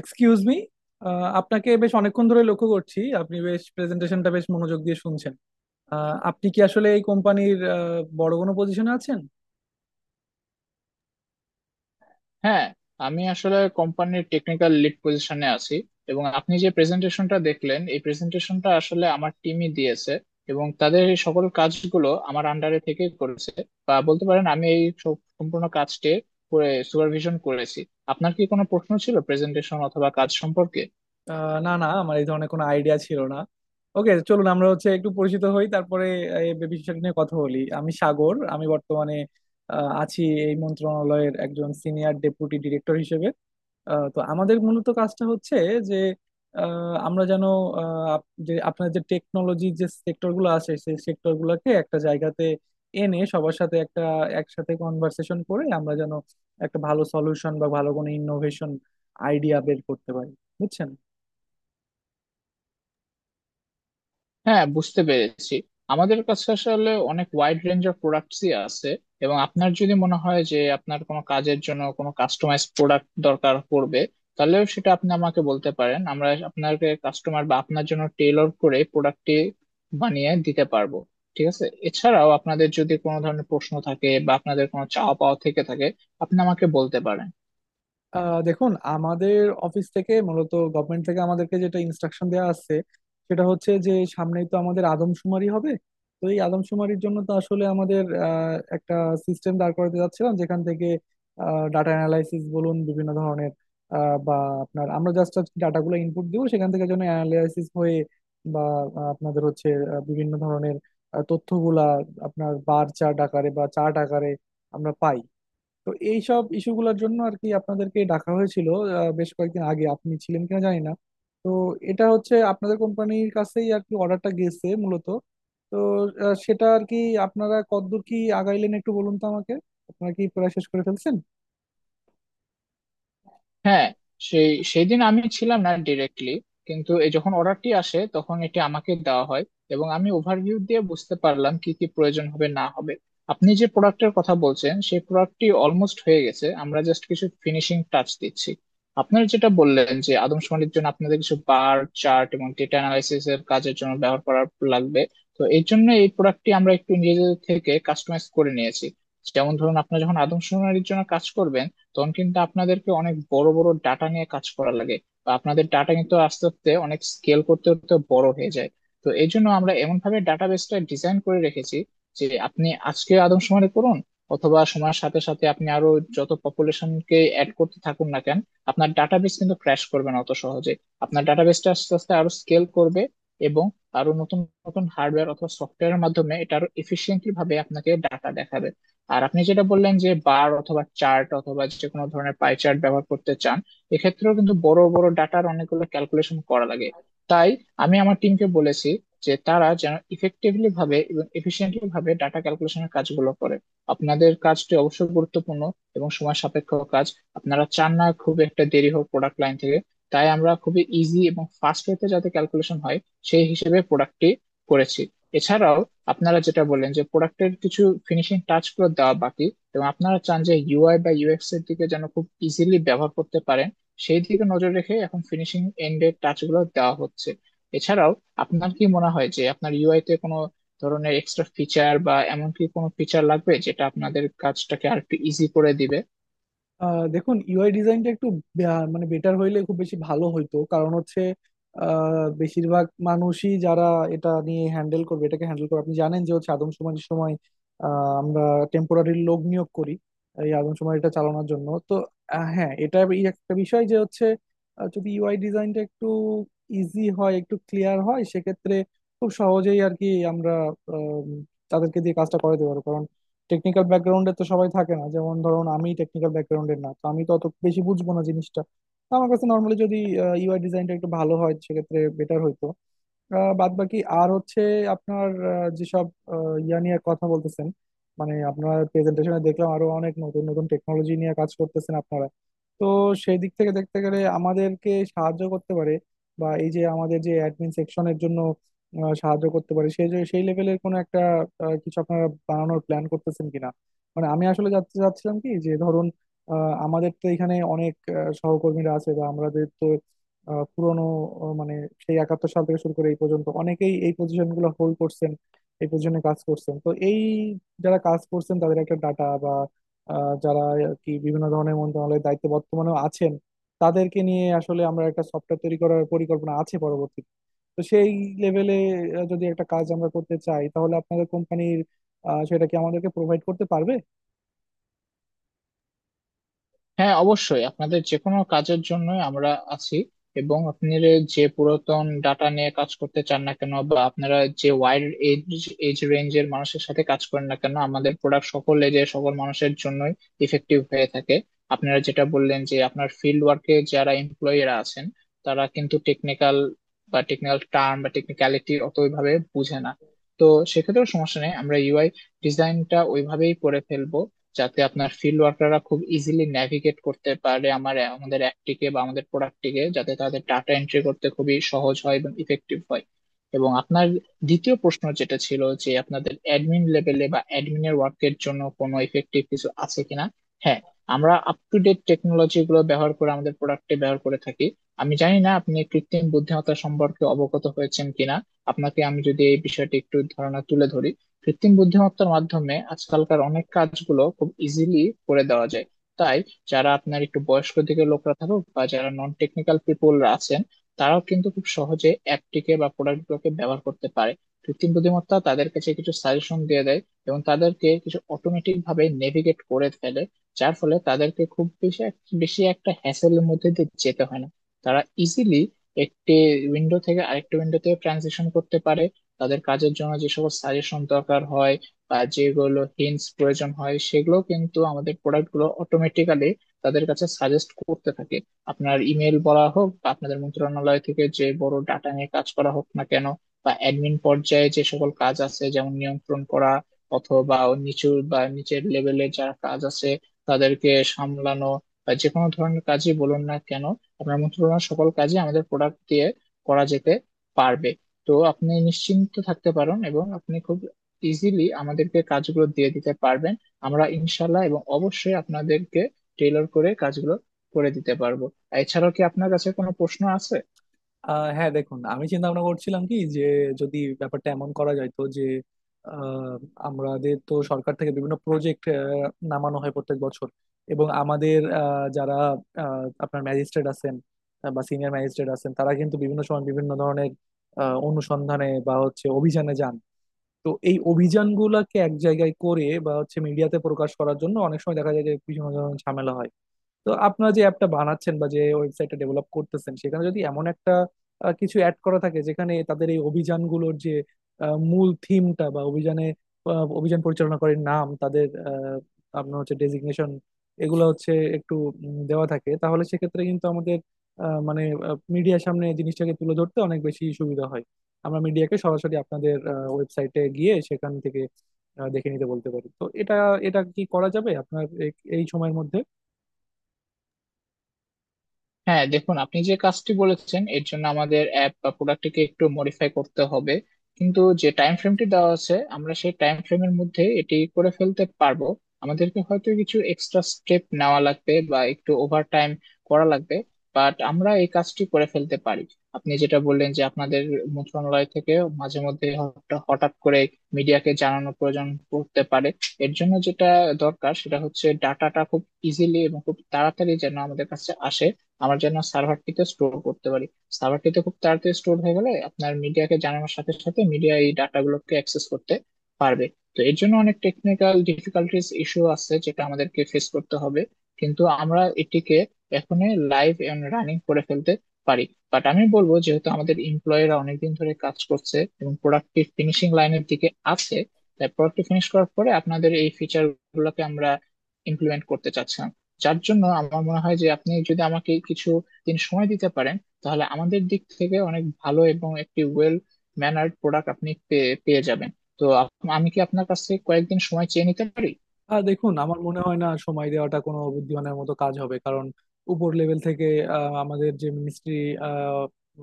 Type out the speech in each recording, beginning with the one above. Excuse me, আপনাকে বেশ অনেকক্ষণ ধরে লক্ষ্য করছি। আপনি বেশ প্রেজেন্টেশনটা বেশ মনোযোগ দিয়ে শুনছেন। আপনি কি আসলে এই কোম্পানির বড় কোনো পজিশনে আছেন? হ্যাঁ, আমি আসলে কোম্পানির টেকনিক্যাল লিড পজিশনে আছি। এবং আপনি যে প্রেজেন্টেশনটা দেখলেন এই প্রেজেন্টেশনটা আসলে আমার টিমই দিয়েছে এবং তাদের এই সকল কাজগুলো আমার আন্ডারে থেকে করেছে। বা বলতে পারেন আমি সম্পূর্ণ কাজটি সুপারভিশন করেছি। আপনার কি কোনো প্রশ্ন ছিল প্রেজেন্টেশন অথবা কাজ সম্পর্কে? না না, আমার এই ধরনের কোনো আইডিয়া ছিল না। ওকে, চলুন আমরা হচ্ছে একটু পরিচিত হই, তারপরে এই বিষয়টা নিয়ে কথা বলি। আমি সাগর, আমি বর্তমানে আছি এই মন্ত্রণালয়ের একজন সিনিয়র ডেপুটি ডিরেক্টর হিসেবে। তো আমাদের মূলত কাজটা হচ্ছে যে, আমরা যেন যে আপনার যে টেকনোলজি যে সেক্টর গুলো আছে সেই সেক্টর গুলোকে একটা জায়গাতে এনে সবার সাথে একটা একসাথে কনভার্সেশন করে আমরা যেন একটা ভালো সলিউশন বা ভালো কোনো ইনোভেশন আইডিয়া বের করতে পারি। বুঝছেন? হ্যাঁ, বুঝতে পেরেছি। আমাদের কাছে আসলে অনেক ওয়াইড রেঞ্জ অফ প্রোডাক্টসই আছে, এবং আপনার যদি মনে হয় যে আপনার কোনো কাজের জন্য কোনো কাস্টমাইজ প্রোডাক্ট দরকার পড়বে, তাহলেও সেটা আপনি আমাকে বলতে পারেন। আমরা আপনাকে কাস্টমার বা আপনার জন্য টেইলর করে প্রোডাক্টটি বানিয়ে দিতে পারবো। ঠিক আছে, এছাড়াও আপনাদের যদি কোনো ধরনের প্রশ্ন থাকে বা আপনাদের কোনো চাওয়া পাওয়া থেকে থাকে, আপনি আমাকে বলতে পারেন। আহ দেখুন, আমাদের অফিস থেকে মূলত গভর্নমেন্ট থেকে আমাদেরকে যেটা ইনস্ট্রাকশন দেওয়া আছে সেটা হচ্ছে যে সামনেই তো আমাদের আদমশুমারি হবে। তো এই আদমশুমারির জন্য তো আসলে আমাদের একটা সিস্টেম দাঁড় করাতে যাচ্ছিলাম যেখান থেকে ডাটা অ্যানালাইসিস বলুন, বিভিন্ন ধরনের বা আপনার, আমরা জাস্ট ডাটাগুলো ইনপুট দিব সেখান থেকে যেন অ্যানালাইসিস হয়ে, বা আপনাদের হচ্ছে বিভিন্ন ধরনের তথ্যগুলা আপনার বার চার্ট আকারে বা চার্ট আকারে আমরা পাই। তো এইসব ইস্যুগুলোর জন্য আর কি আপনাদেরকে ডাকা হয়েছিল। বেশ কয়েকদিন আগে আপনি ছিলেন কিনা জানি না। তো এটা হচ্ছে আপনাদের কোম্পানির কাছেই আর কি অর্ডারটা গেছে মূলত। তো সেটা আর কি আপনারা কতদূর কি আগাইলেন একটু বলুন তো আমাকে। আপনারা কি প্রায় শেষ করে ফেলছেন? হ্যাঁ, সেদিন আমি ছিলাম না ডিরেক্টলি, কিন্তু এই যখন অর্ডারটি আসে তখন এটি আমাকে দেওয়া হয়, এবং আমি ওভারভিউ দিয়ে বুঝতে পারলাম কি কি প্রয়োজন হবে না হবে। আপনি যে প্রোডাক্টের কথা বলছেন সেই প্রোডাক্টটি অলমোস্ট হয়ে গেছে, আমরা জাস্ট কিছু ফিনিশিং টাচ দিচ্ছি। আপনার যেটা বললেন যে আদমশুমারির জন্য আপনাদের কিছু বার চার্ট এবং ডেটা অ্যানালাইসিস এর কাজের জন্য ব্যবহার করার লাগবে, তো এই জন্য এই প্রোডাক্টটি আমরা একটু নিজেদের থেকে কাস্টমাইজ করে নিয়েছি। যেমন ধরুন আপনারা যখন আদমশুমারির জন্য কাজ করবেন, তখন কিন্তু আপনাদেরকে অনেক বড় বড় ডাটা নিয়ে কাজ করা লাগে, বা আপনাদের ডাটা কিন্তু আস্তে আস্তে অনেক স্কেল করতে করতে বড় হয়ে যায়। তো এই জন্য আমরা এমন ভাবে ডাটাবেসটা ডিজাইন করে রেখেছি যে আপনি আজকে আদমশুমারি করুন অথবা সময়ের সাথে সাথে আপনি আরো যত পপুলেশনকে অ্যাড করতে থাকুন না কেন, আপনার ডাটাবেস কিন্তু ক্র্যাশ করবে না অত সহজে। আপনার ডাটাবেসটা আস্তে আস্তে আরো স্কেল করবে এবং আরো নতুন নতুন হার্ডওয়্যার অথবা সফটওয়্যারের মাধ্যমে এটা আরো এফিসিয়েন্টলি ভাবে আপনাকে ডাটা দেখাবে। আর আপনি যেটা বললেন যে বার অথবা চার্ট অথবা যে কোনো ধরনের পাই চার্ট ব্যবহার করতে চান, এক্ষেত্রেও কিন্তু বড় বড় ডাটার অনেকগুলো ক্যালকুলেশন করা লাগে। তাই আমি আমার টিমকে বলেছি যে তারা যেন ইফেক্টিভলি ভাবে এবং এফিসিয়েন্টলি ভাবে ডাটা ক্যালকুলেশনের কাজগুলো করে। আপনাদের কাজটি অবশ্যই গুরুত্বপূর্ণ এবং সময় সাপেক্ষ কাজ, আপনারা চান না খুব একটা দেরি হোক প্রোডাক্ট লাইন থেকে। তাই আমরা খুবই ইজি এবং ফাস্ট ওয়েতে যাতে ক্যালকুলেশন হয় সেই হিসেবে প্রোডাক্টটি করেছি। এছাড়াও আপনারা যেটা বললেন যে প্রোডাক্টের কিছু ফিনিশিং টাচ গুলো দেওয়া বাকি এবং আপনারা চান যে ইউআই বা ইউএক্স এর দিকে যেন খুব ইজিলি ব্যবহার করতে পারেন, সেই দিকে নজর রেখে এখন ফিনিশিং এন্ডের টাচ গুলো দেওয়া হচ্ছে। এছাড়াও আপনার কি মনে হয় যে আপনার ইউআই তে কোনো ধরনের এক্সট্রা ফিচার বা এমন কি কোনো ফিচার লাগবে যেটা আপনাদের কাজটাকে আর একটু ইজি করে দিবে? আহ দেখুন, ইউআই ডিজাইনটা একটু বে- আহ মানে বেটার হইলে খুব বেশি ভালো হইতো, কারণ হচ্ছে বেশিরভাগ মানুষই যারা এটা নিয়ে হ্যান্ডেল করবে, এটাকে হ্যান্ডেল করবে, আপনি জানেন যে হচ্ছে আদমশুমারির সময় আমরা টেম্পোরারি লোক নিয়োগ করি এই আদমশুমারিটা চালানোর জন্য। তো হ্যাঁ, এটা এই একটা বিষয় যে হচ্ছে যদি ইউআই ডিজাইনটা একটু ইজি হয়, একটু ক্লিয়ার হয়, সেক্ষেত্রে খুব সহজেই আর কি আমরা আম, তাদেরকে দিয়ে কাজটা করাতে পারবো। টেকনিক্যাল ব্যাকগ্রাউন্ডে তো সবাই থাকে না, যেমন ধরুন আমি টেকনিক্যাল ব্যাকগ্রাউন্ডের না, তো আমি তো অত বেশি বুঝবো না জিনিসটা। তো আমার কাছে নর্মালি যদি ইউআই ডিজাইনটা একটু ভালো হয় সেক্ষেত্রে বেটার হইতো। আহ, বাদ বাকি আর হচ্ছে আপনার যেসব ইয়া নিয়ে কথা বলতেছেন, মানে আপনার প্রেজেন্টেশনে দেখলাম আরো অনেক নতুন নতুন টেকনোলজি নিয়ে কাজ করতেছেন আপনারা। তো সেই দিক থেকে দেখতে গেলে আমাদেরকে সাহায্য করতে পারে, বা এই যে আমাদের যে অ্যাডমিন সেকশনের জন্য সাহায্য করতে পারি সেই লেভেলের কোনো একটা কিছু আপনারা বানানোর প্ল্যান করতেছেন কিনা। মানে আমি আসলে জানতে চাচ্ছিলাম কি যে, ধরুন আমাদের তো এখানে অনেক সহকর্মীরা আছে, বা আমাদের তো পুরনো মানে সেই 71 সাল থেকে শুরু করে এই পর্যন্ত অনেকেই এই পজিশন গুলো হোল্ড করছেন, এই পজিশনে কাজ করছেন। তো এই যারা কাজ করছেন তাদের একটা ডাটা, বা যারা আর কি বিভিন্ন ধরনের মন্ত্রণালয়ের দায়িত্বে বর্তমানেও আছেন তাদেরকে নিয়ে আসলে আমরা একটা সফটওয়্যার তৈরি করার পরিকল্পনা আছে। তো সেই লেভেলে যদি একটা কাজ আমরা করতে চাই তাহলে আপনাদের কোম্পানির সেটা কি আমাদেরকে প্রোভাইড করতে পারবে? হ্যাঁ, অবশ্যই আপনাদের যে কোনো কাজের জন্য আমরা আছি। এবং আপনারা যে পুরাতন ডাটা নিয়ে কাজ করতে চান না কেন বা আপনারা যে ওয়াইড এজ এজ রেঞ্জের মানুষের সাথে কাজ করেন না কেন, আমাদের প্রোডাক্ট সকল এজে সকল মানুষের জন্যই ইফেক্টিভ হয়ে থাকে। আপনারা যেটা বললেন যে আপনার ফিল্ড ওয়ার্কে যারা এমপ্লয়িরা আছেন, তারা কিন্তু টেকনিক্যাল বা টেকনিক্যাল টার্ম বা টেকনিক্যালিটি অতভাবে বুঝে না, তো সেক্ষেত্রেও সমস্যা নেই। আমরা ইউআই ডিজাইনটা ওইভাবেই করে ফেলবো যাতে আপনার ফিল্ড ওয়ার্কাররা খুব ইজিলি ন্যাভিগেট করতে পারে আমাদের অ্যাপটিকে বা আমাদের প্রোডাক্টটিকে, যাতে তাদের ডাটা এন্ট্রি করতে খুবই সহজ হয় এবং ইফেক্টিভ হয়। এবং আপনার দ্বিতীয় প্রশ্ন যেটা ছিল যে আপনাদের অ্যাডমিন লেভেলে বা অ্যাডমিনের ওয়ার্কের জন্য কোনো ইফেক্টিভ কিছু আছে কিনা, হ্যাঁ, আমরা আপ টু ডেট টেকনোলজি গুলো ব্যবহার করে আমাদের প্রোডাক্টে ব্যবহার করে থাকি। আমি জানি না আপনি কৃত্রিম বুদ্ধিমত্তা সম্পর্কে অবগত হয়েছেন কিনা, আপনাকে আমি যদি এই বিষয়টি একটু ধারণা তুলে ধরি। কৃত্রিম বুদ্ধিমত্তার মাধ্যমে আজকালকার অনেক কাজগুলো খুব ইজিলি করে দেওয়া যায়। তাই যারা আপনার একটু বয়স্ক দিকের লোকরা থাকুক বা যারা নন টেকনিক্যাল পিপলরা আছেন, তারাও কিন্তু খুব সহজে অ্যাপটিকে বা প্রোডাক্টগুলোকে ব্যবহার করতে পারে। কৃত্রিম বুদ্ধিমত্তা তাদের কাছে কিছু সাজেশন দিয়ে দেয় এবং তাদেরকে কিছু অটোমেটিক ভাবে নেভিগেট করে ফেলে, যার ফলে তাদেরকে খুব বেশি একটা হ্যাসেলের মধ্যে দিয়ে যেতে হয় না। তারা ইজিলি একটি উইন্ডো থেকে আরেকটি উইন্ডোতে ট্রানজিশন করতে পারে। তাদের কাজের জন্য যে সকল সাজেশন দরকার হয় বা যেগুলো হিন্টস প্রয়োজন হয়, সেগুলো কিন্তু আমাদের প্রোডাক্ট গুলো অটোমেটিক্যালি তাদের কাছে সাজেস্ট করতে থাকে। আপনার ইমেল বলা হোক বা আপনাদের মন্ত্রণালয় থেকে যে বড় ডাটা নিয়ে কাজ করা হোক না কেন, বা অ্যাডমিন পর্যায়ে যে সকল কাজ আছে যেমন নিয়ন্ত্রণ করা অথবা নিচু বা নিচের লেভেলে যারা কাজ আছে তাদেরকে সামলানো, বা যে কোনো ধরনের কাজই বলুন না কেন, আপনার মন্ত্রণালয়ের সকল কাজই আমাদের প্রোডাক্ট দিয়ে করা যেতে পারবে। তো আপনি নিশ্চিন্ত থাকতে পারেন এবং আপনি খুব ইজিলি আমাদেরকে কাজগুলো দিয়ে দিতে পারবেন। আমরা ইনশাল্লাহ এবং অবশ্যই আপনাদেরকে টেলর করে কাজগুলো করে দিতে পারবো। এছাড়াও কি আপনার কাছে কোনো প্রশ্ন আছে? আহ হ্যাঁ দেখুন, আমি চিন্তা ভাবনা করছিলাম কি যে, যদি ব্যাপারটা এমন করা যায় তো যে আহ, আমাদের তো সরকার থেকে বিভিন্ন প্রজেক্ট নামানো হয় প্রত্যেক বছর, এবং আমাদের যারা আপনার ম্যাজিস্ট্রেট আছেন, বা সিনিয়র ম্যাজিস্ট্রেট আছেন, তারা কিন্তু বিভিন্ন সময় বিভিন্ন ধরনের অনুসন্ধানে বা হচ্ছে অভিযানে যান। তো এই অভিযানগুলোকে এক জায়গায় করে বা হচ্ছে মিডিয়াতে প্রকাশ করার জন্য অনেক সময় দেখা যায় যে বিভিন্ন ধরনের ঝামেলা হয়। তো আপনারা যে অ্যাপটা বানাচ্ছেন বা যে ওয়েবসাইটটা ডেভেলপ করতেছেন সেখানে যদি এমন একটা কিছু অ্যাড করা থাকে যেখানে তাদের এই অভিযানগুলোর যে মূল থিমটা, বা অভিযানে অভিযান পরিচালনা করে নাম তাদের আপনার হচ্ছে ডেজিগনেশন, এগুলো হচ্ছে একটু দেওয়া থাকে, তাহলে সেক্ষেত্রে কিন্তু আমাদের মানে মিডিয়ার সামনে জিনিসটাকে তুলে ধরতে অনেক বেশি সুবিধা হয়। আমরা মিডিয়াকে সরাসরি আপনাদের ওয়েবসাইটে গিয়ে সেখান থেকে দেখে নিতে বলতে পারি। তো এটা, এটা কি করা যাবে আপনার এই সময়ের মধ্যে? হ্যাঁ দেখুন, আপনি যে কাজটি বলেছেন এর জন্য আমাদের অ্যাপ বা প্রোডাক্টটিকে একটু মডিফাই করতে হবে, কিন্তু যে টাইম ফ্রেমটি দেওয়া আছে আমরা সেই টাইম ফ্রেমের মধ্যে এটি করে ফেলতে পারবো। আমাদেরকে হয়তো কিছু এক্সট্রা স্টেপ নেওয়া লাগবে বা একটু ওভার টাইম করা লাগবে, বাট আমরা এই কাজটি করে ফেলতে পারি। আপনি যেটা বললেন যে আপনাদের মন্ত্রণালয় থেকে মাঝে মধ্যে হঠাৎ হঠাৎ করে মিডিয়াকে জানানোর প্রয়োজন পড়তে পারে, এর জন্য যেটা দরকার সেটা হচ্ছে ডাটাটা খুব ইজিলি এবং খুব তাড়াতাড়ি যেন আমাদের কাছে আসে, আমার যেন সার্ভারটিতে স্টোর করতে পারি। সার্ভারটিতে খুব তাড়াতাড়ি স্টোর হয়ে গেলে আপনার মিডিয়াকে জানানোর সাথে সাথে মিডিয়া এই ডাটাগুলোকে অ্যাক্সেস করতে পারবে। তো এর জন্য অনেক টেকনিক্যাল ডিফিকাল্টিস ইস্যু আছে যেটা আমাদেরকে ফেস করতে হবে, কিন্তু আমরা এটিকে এখনই লাইভ এন্ড রানিং করে ফেলতে পারি। বাট আমি বলবো, যেহেতু আমাদের এমপ্লয়িরা অনেকদিন ধরে কাজ করছে এবং প্রোডাক্টটি ফিনিশিং লাইনের দিকে আছে, তাই প্রোডাক্টটি ফিনিশ করার পরে আপনাদের এই ফিচার গুলোকে আমরা ইমপ্লিমেন্ট করতে চাচ্ছি। যার জন্য আমার মনে হয় যে আপনি যদি আমাকে কিছু দিন সময় দিতে পারেন, তাহলে আমাদের দিক থেকে অনেক ভালো এবং একটি ওয়েল ম্যানার্ড প্রোডাক্ট আপনি পেয়ে পেয়ে যাবেন। তো আমি কি আপনার কাছ থেকে কয়েকদিন সময় চেয়ে নিতে পারি? আর দেখুন, আমার মনে হয় না সময় দেওয়াটা কোনো বুদ্ধিমানের মতো কাজ হবে, কারণ উপর লেভেল থেকে আমাদের যে মিনিস্ট্রি,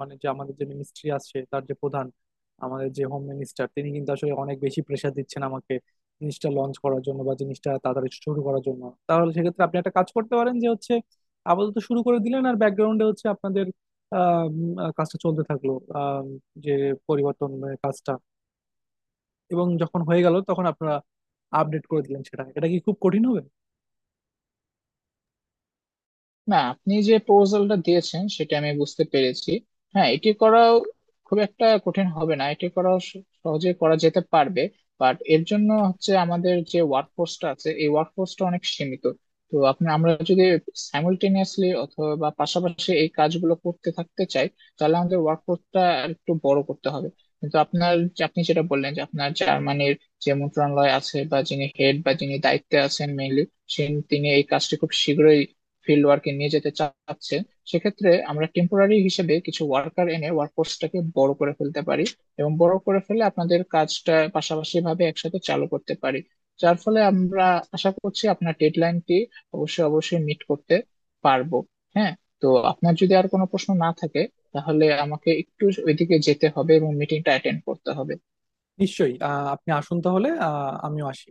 মানে যে আমাদের যে মিনিস্ট্রি আসছে তার যে প্রধান, আমাদের যে হোম মিনিস্টার, তিনি কিন্তু আসলে অনেক বেশি প্রেশার দিচ্ছেন আমাকে জিনিসটা লঞ্চ করার জন্য বা জিনিসটা তাড়াতাড়ি শুরু করার জন্য। তাহলে সেক্ষেত্রে আপনি একটা কাজ করতে পারেন যে হচ্ছে, আপাতত শুরু করে দিলেন, আর ব্যাকগ্রাউন্ডে হচ্ছে আপনাদের কাজটা চলতে থাকলো, আহ, যে পরিবর্তন কাজটা, এবং যখন হয়ে গেল তখন আপনারা আপডেট করে দিলেন সেটা। এটা কি খুব কঠিন হবে? না, আপনি যে প্রপোজালটা দিয়েছেন সেটা আমি বুঝতে পেরেছি। হ্যাঁ, এটি করাও খুব একটা কঠিন হবে না, এটি করাও সহজে করা যেতে পারবে। বাট এর জন্য হচ্ছে আমাদের যে ওয়ার্ক ফোর্সটা আছে এই ওয়ার্ক ফোর্সটা অনেক সীমিত। তো আমরা যদি সাইমultaneously অথবা পাশাপাশি এই কাজগুলো করতে থাকতে চাই, তাহলে আমাদের ওয়ার্ক ফোর্সটা একটু বড় করতে হবে। কিন্তু আপনার আপনি যেটা বললেন যে আপনার জার্মানির যে মন্ত্রণালয় আছে বা যিনি হেড বা যিনি দায়িত্বে আছেন মেইনলি, তিনি এই কাজটি খুব শীঘ্রই ফিল্ড ওয়ার্কে নিয়ে যেতে চাচ্ছে। সেক্ষেত্রে আমরা টেম্পোরারি হিসেবে কিছু ওয়ার্কার এনে ওয়ার্কফোর্সটাকে বড় করে ফেলতে পারি এবং বড় করে ফেলে আপনাদের কাজটা পাশাপাশি ভাবে একসাথে চালু করতে পারি। যার ফলে আমরা আশা করছি আপনার ডেডলাইনটি অবশ্যই অবশ্যই মিট করতে পারবো। হ্যাঁ, তো আপনার যদি আর কোনো প্রশ্ন না থাকে, তাহলে আমাকে একটু ওইদিকে যেতে হবে এবং মিটিংটা অ্যাটেন্ড করতে হবে। নিশ্চয়ই। আপনি আসুন তাহলে, আমিও আসি।